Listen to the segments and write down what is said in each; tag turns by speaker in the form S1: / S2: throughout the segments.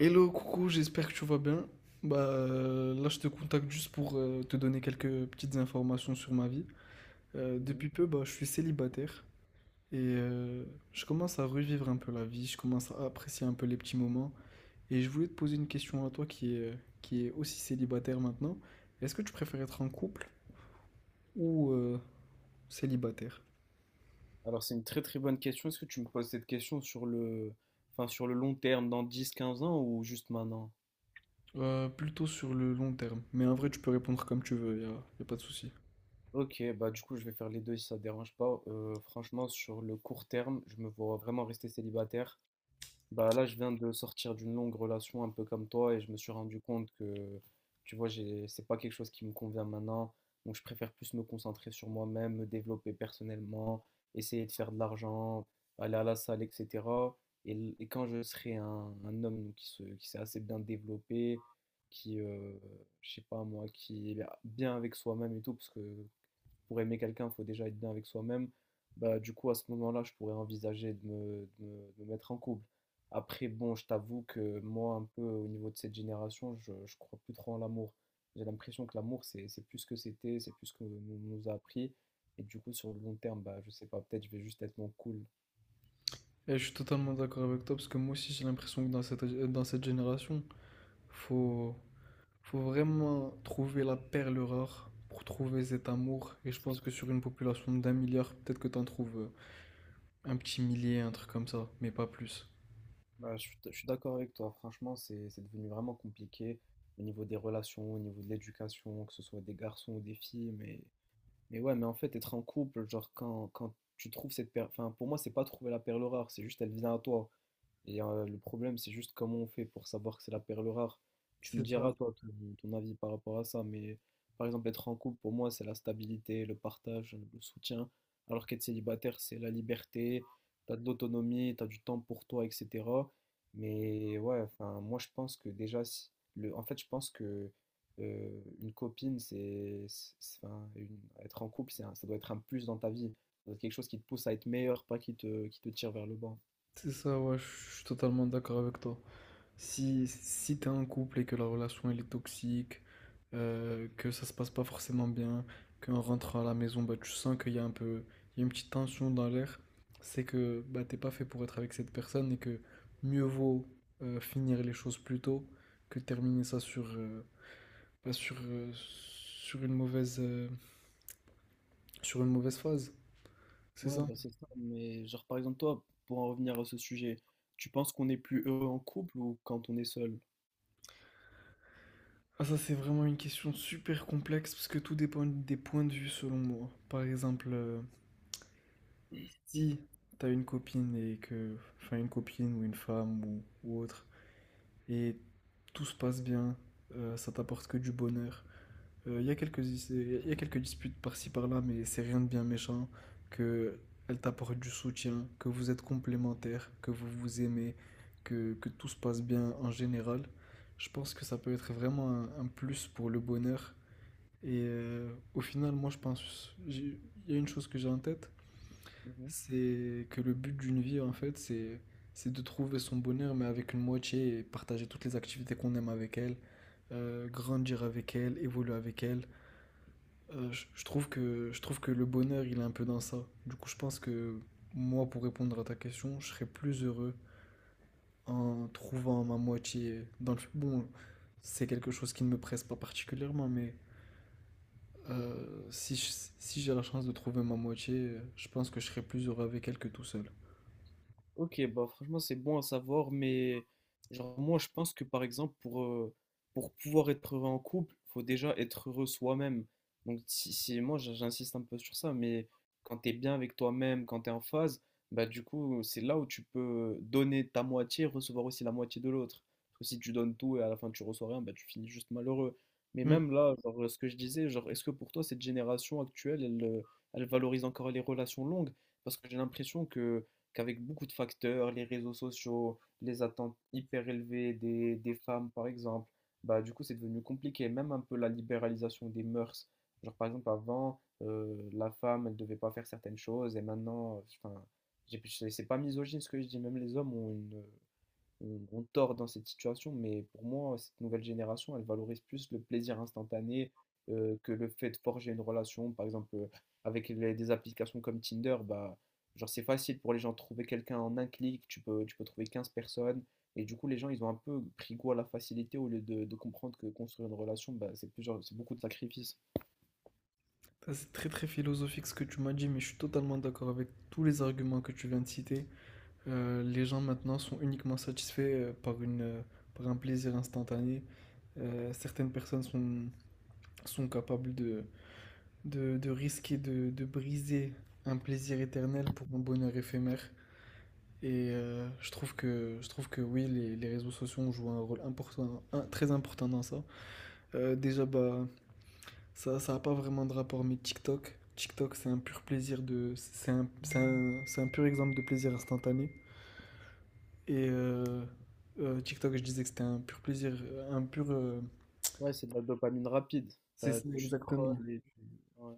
S1: Hello, coucou, j'espère que tu vas bien. Là, je te contacte juste pour te donner quelques petites informations sur ma vie.
S2: Mhm.
S1: Depuis peu, bah, je suis célibataire et je commence à revivre un peu la vie, je commence à apprécier un peu les petits moments. Et je voulais te poser une question à toi qui est aussi célibataire maintenant. Est-ce que tu préfères être en couple ou célibataire?
S2: Alors c'est une très très bonne question. Est-ce que tu me poses cette question enfin, sur le long terme, dans 10, 15 ans ou juste maintenant?
S1: Plutôt sur le long terme. Mais en vrai, tu peux répondre comme tu veux, y a pas de souci.
S2: Ok, bah du coup je vais faire les deux si ça te dérange pas. Franchement sur le court terme, je me vois vraiment rester célibataire. Bah là, je viens de sortir d'une longue relation un peu comme toi et je me suis rendu compte que, tu vois, c'est pas quelque chose qui me convient maintenant. Donc, je préfère plus me concentrer sur moi-même, me développer personnellement, essayer de faire de l'argent, aller à la salle, etc. Et quand je serai un homme donc, qui s'est assez bien développé, qui, je sais pas moi, qui est bien avec soi-même et tout, parce que pour aimer quelqu'un, il faut déjà être bien avec soi-même. Bah, du coup, à ce moment-là, je pourrais envisager de me mettre en couple. Après, bon, je t'avoue que moi, un peu au niveau de cette génération, je crois plus trop en l'amour. J'ai l'impression que l'amour, c'est plus ce que c'était, c'est plus ce qu'on nous a appris. Et du coup, sur le long terme, bah, je sais pas, peut-être je vais juste être moins cool.
S1: Et je suis totalement d'accord avec toi parce que moi aussi j'ai l'impression que dans cette génération, Faut, faut vraiment trouver la perle rare pour trouver cet amour. Et je pense que sur une population d'1 milliard, peut-être que t'en trouves un petit millier, un truc comme ça, mais pas plus.
S2: Bah, je suis d'accord avec toi, franchement, c'est devenu vraiment compliqué au niveau des relations, au niveau de l'éducation, que ce soit des garçons ou des filles, Mais ouais, mais en fait, être en couple, genre quand tu trouves cette perle, enfin pour moi, c'est pas trouver la perle rare, c'est juste elle vient à toi. Et le problème, c'est juste comment on fait pour savoir que c'est la perle rare. Tu me
S1: C'est
S2: diras,
S1: ça.
S2: toi, ton avis par rapport à ça, mais par exemple, être en couple, pour moi, c'est la stabilité, le partage, le soutien, alors qu'être célibataire, c'est la liberté, t'as de l'autonomie, t'as du temps pour toi, etc. Mais ouais, enfin, moi, je pense que déjà, en fait, je pense que une copine, enfin, être en couple, ça doit être un plus dans ta vie. Ça doit être quelque chose qui te pousse à être meilleur, pas qui te tire vers le bas.
S1: C'est ça, ouais, je suis totalement d'accord avec toi. Si t'es en couple et que la relation elle est toxique, que ça se passe pas forcément bien, qu'en rentrant à la maison, bah, tu sens qu'il y a un peu, il y a une petite tension dans l'air, c'est que bah, t'es pas fait pour être avec cette personne et que mieux vaut finir les choses plus tôt que terminer ça sur une sur une mauvaise phase. C'est
S2: Ouais,
S1: ça?
S2: bah c'est ça, mais genre par exemple toi, pour en revenir à ce sujet, tu penses qu'on est plus heureux en couple ou quand on est seul?
S1: Ah, ça, c'est vraiment une question super complexe parce que tout dépend des points de vue selon moi. Par exemple, si t'as une copine et enfin une copine ou une femme ou autre, et tout se passe bien, ça t'apporte que du bonheur. Il y a quelques disputes par-ci par-là, mais c'est rien de bien méchant, que elle t'apporte du soutien, que vous êtes complémentaires, que vous vous aimez, que tout se passe bien en général. Je pense que ça peut être vraiment un plus pour le bonheur. Et au final, moi je pense, j'ai- il y a une chose que j'ai en tête, c'est que le but d'une vie, en fait, c'est de trouver son bonheur, mais avec une moitié et partager toutes les activités qu'on aime avec elle, grandir avec elle, évoluer avec elle. Je trouve je trouve que le bonheur, il est un peu dans ça. Du coup, je pense que moi, pour répondre à ta question, je serais plus heureux en trouvant ma moitié dans le... Bon, c'est quelque chose qui ne me presse pas particulièrement, mais euh, si je- si j'ai la chance de trouver ma moitié, je pense que je serais plus heureux avec elle que tout seul.
S2: Ok, bah franchement, c'est bon à savoir, mais genre moi je pense que par exemple pour pouvoir être heureux en couple, faut déjà être heureux soi-même. Donc moi j'insiste un peu sur ça, mais quand t'es bien avec toi-même, quand t'es en phase, bah du coup c'est là où tu peux donner ta moitié, recevoir aussi la moitié de l'autre. Parce que si tu donnes tout et à la fin tu reçois rien, bah tu finis juste malheureux. Mais
S1: Hmm.
S2: même là, genre, ce que je disais, genre est-ce que pour toi cette génération actuelle, elle valorise encore les relations longues? Parce que j'ai l'impression que qu'avec beaucoup de facteurs, les réseaux sociaux, les attentes hyper élevées des femmes, par exemple, bah, du coup, c'est devenu compliqué. Même un peu la libéralisation des mœurs. Genre, par exemple, avant, la femme, elle devait pas faire certaines choses, et maintenant, enfin, c'est pas misogyne ce que je dis, même les hommes ont on tord dans cette situation, mais pour moi, cette nouvelle génération, elle valorise plus le plaisir instantané que le fait de forger une relation. Par exemple, avec des applications comme Tinder, bah, genre c'est facile pour les gens de trouver quelqu'un en un clic, tu peux trouver 15 personnes. Et du coup, les gens, ils ont un peu pris goût à la facilité au lieu de comprendre que construire une relation, bah, c'est beaucoup de sacrifices.
S1: Ça, c'est très très philosophique ce que tu m'as dit, mais je suis totalement d'accord avec tous les arguments que tu viens de citer. Les gens maintenant sont uniquement satisfaits euh, par une, euh, par un plaisir instantané. Certaines personnes sont capables de risquer de briser un plaisir éternel pour un bonheur éphémère. Et je trouve que oui, les réseaux sociaux ont joué un rôle important, très important dans ça. Euh, déjà, bah, Ça, ça a pas vraiment de rapport, mais TikTok, c'est un pur plaisir de, c'est un, c'est un- c'est un pur exemple de plaisir instantané. Et euh, TikTok, je disais que c'était un pur plaisir, un pur, euh,
S2: Ouais, c'est de la dopamine rapide.
S1: c'est ça
S2: Tu
S1: exactement.
S2: scrolles et ouais.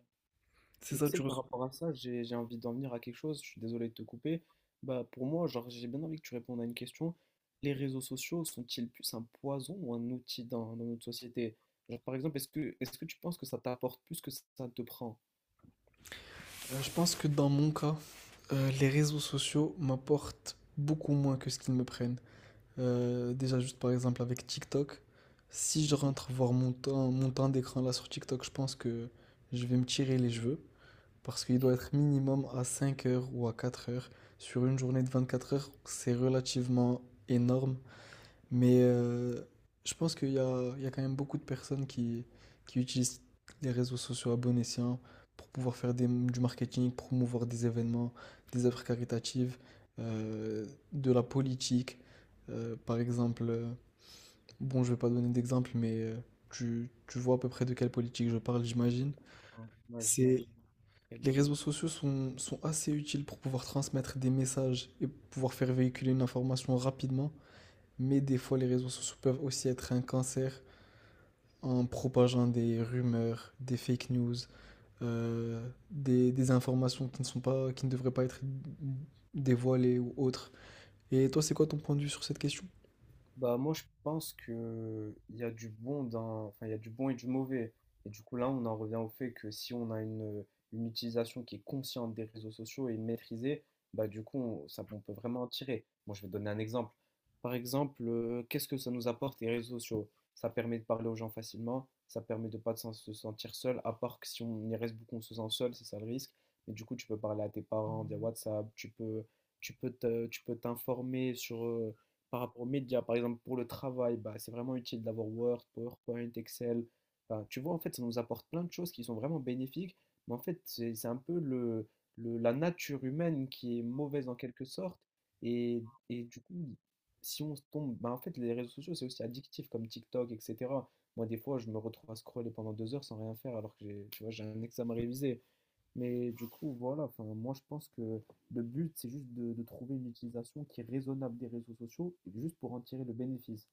S1: C'est
S2: Et tu
S1: ça,
S2: sais
S1: tu
S2: que par
S1: reçois.
S2: rapport à ça, j'ai envie d'en venir à quelque chose, je suis désolé de te couper. Bah pour moi, genre j'ai bien envie que tu répondes à une question. Les réseaux sociaux sont-ils plus un poison ou un outil dans notre société? Genre par exemple, est-ce que tu penses que ça t'apporte plus que ça te prend?
S1: Je pense que dans mon cas, les réseaux sociaux m'apportent beaucoup moins que ce qu'ils me prennent. Déjà, juste par exemple avec TikTok, si je
S2: Mm.
S1: rentre voir mon temps d'écran là sur TikTok, je pense que je vais me tirer les cheveux, parce qu'il doit être minimum à 5 heures ou à 4 heures. Sur une journée de 24 heures, c'est relativement énorme, mais je pense qu'il y a quand même beaucoup de personnes qui utilisent les réseaux sociaux à bon escient pour pouvoir faire du marketing, promouvoir des événements, des œuvres caritatives, euh, de la politique. Euh, par exemple, euh, bon, je ne vais pas donner d'exemple, mais tu vois à peu près de quelle politique je parle, j'imagine.
S2: Ouais,
S1: C'est
S2: j'imagine.
S1: les réseaux sociaux sont assez utiles pour pouvoir transmettre des messages et pouvoir faire véhiculer une information rapidement, mais des fois les réseaux sociaux peuvent aussi être un cancer en propageant des rumeurs, des fake news, des informations qui ne sont pas, qui ne devraient pas être dévoilées ou autres. Et toi, c'est quoi ton point de vue sur cette question?
S2: Bah moi je pense que il y a du bon dans enfin il y a du bon et du mauvais et du coup là on en revient au fait que si on a une utilisation qui est consciente des réseaux sociaux et maîtrisée bah du coup ça on peut vraiment en tirer. Moi je vais donner un exemple. Par exemple, qu'est-ce que ça nous apporte les réseaux sociaux? Ça permet de parler aux gens facilement, ça permet de pas se sentir seul à part que si on y reste beaucoup on se sent seul, c'est ça le risque. Mais du coup tu peux parler à tes parents via WhatsApp, tu peux t'informer sur par rapport aux médias, par exemple pour le travail, bah, c'est vraiment utile d'avoir Word, PowerPoint, Excel. Enfin, tu vois, en fait, ça nous apporte plein de choses qui sont vraiment bénéfiques, mais en fait, c'est un peu la nature humaine qui est mauvaise en quelque sorte. Et, et du coup, si on se tombe, bah, en fait, les réseaux sociaux, c'est aussi addictif comme TikTok, etc. Moi, des fois, je me retrouve à scroller pendant 2 heures sans rien faire alors que tu vois, j'ai un examen révisé. Mais du coup, voilà, enfin, moi je pense que le but, c'est juste de trouver une utilisation qui est raisonnable des réseaux sociaux, et juste pour en tirer le bénéfice.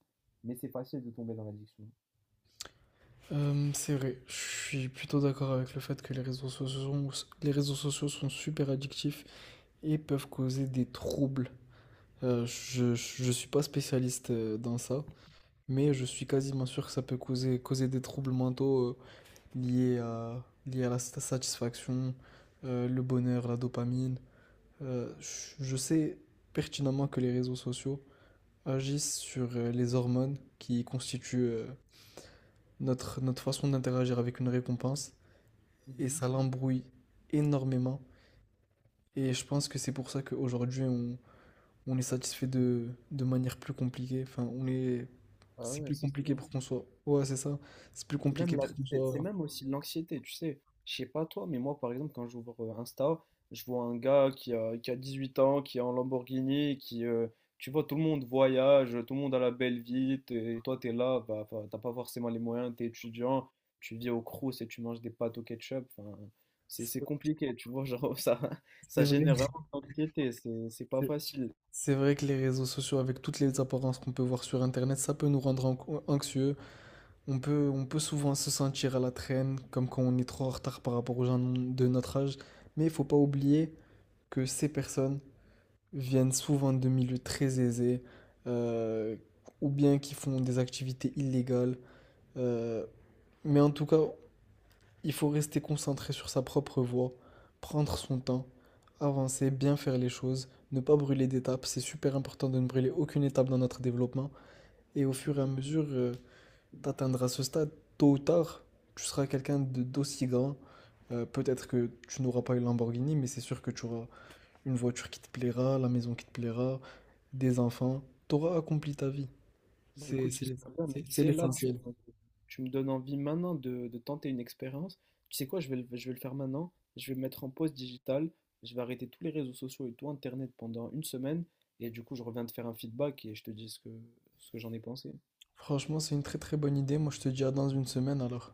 S2: Mais c'est facile de tomber dans l'addiction.
S1: C'est vrai, je suis plutôt d'accord avec le fait que les réseaux sociaux sont super addictifs et peuvent causer des troubles. Je suis pas spécialiste dans ça, mais je suis quasiment sûr que ça peut causer des troubles mentaux liés à la satisfaction, le bonheur, la dopamine. Je sais pertinemment que les réseaux sociaux agissent sur les hormones qui constituent notre façon d'interagir avec une récompense, et
S2: Mhm.
S1: ça l'embrouille énormément. Et je pense que c'est pour ça qu'aujourd'hui, on est satisfait de manière plus compliquée. Enfin, on est...
S2: Ah
S1: C'est
S2: ouais,
S1: plus
S2: c'est ça.
S1: compliqué pour qu'on soit ouais, c'est ça. C'est plus
S2: Mais c'est même,
S1: compliqué
S2: la-
S1: pour qu'on
S2: c'est c'est
S1: soit...
S2: même aussi de l'anxiété, tu sais. Je sais pas toi, mais moi, par exemple, quand j'ouvre Insta, je vois un gars qui a 18 ans, qui, est en Lamborghini, tu vois, tout le monde voyage, tout le monde a la belle vie, et toi, t'es là, bah, t'as pas forcément les moyens, t'es étudiant, tu vis au Crous et tu manges des pâtes au ketchup. Enfin, c'est
S1: c'est
S2: compliqué, tu vois, genre, ça,
S1: c'est
S2: ça
S1: vrai
S2: génère vraiment de l'anxiété, c'est pas
S1: c'est
S2: facile.
S1: c'est vrai que les réseaux sociaux, avec toutes les apparences qu'on peut voir sur Internet, ça peut nous rendre anxieux. On peut souvent se sentir à la traîne, comme quand on est trop en retard par rapport aux gens de notre âge. Mais il faut pas oublier que ces personnes viennent souvent de milieux très aisés, euh, ou bien qui font des activités illégales. euh, mais en tout cas, il faut rester concentré sur sa propre voie, prendre son temps, avancer, bien faire les choses, ne pas brûler d'étapes. C'est super important de ne brûler aucune étape dans notre développement. Et au fur et à mesure, tu atteindras ce stade, tôt ou tard, tu seras quelqu'un d'aussi grand. Peut-être que tu n'auras pas une Lamborghini, mais c'est sûr que tu auras une voiture qui te plaira, la maison qui te plaira, des enfants. Tu auras accompli ta vie.
S2: Bah
S1: C'est
S2: écoute,
S1: c'est l'es-
S2: j'espère bien, mais tu
S1: c'est
S2: sais, là,
S1: l'essentiel.
S2: tu me donnes envie maintenant de tenter une expérience. Tu sais quoi, je vais le faire maintenant. Je vais me mettre en pause digitale. Je vais arrêter tous les réseaux sociaux et tout Internet pendant une semaine. Et du coup, je reviens te faire un feedback et je te dis ce que j'en ai pensé.
S1: Franchement, c'est une très très bonne idée. Moi, je te dis à dans une semaine alors.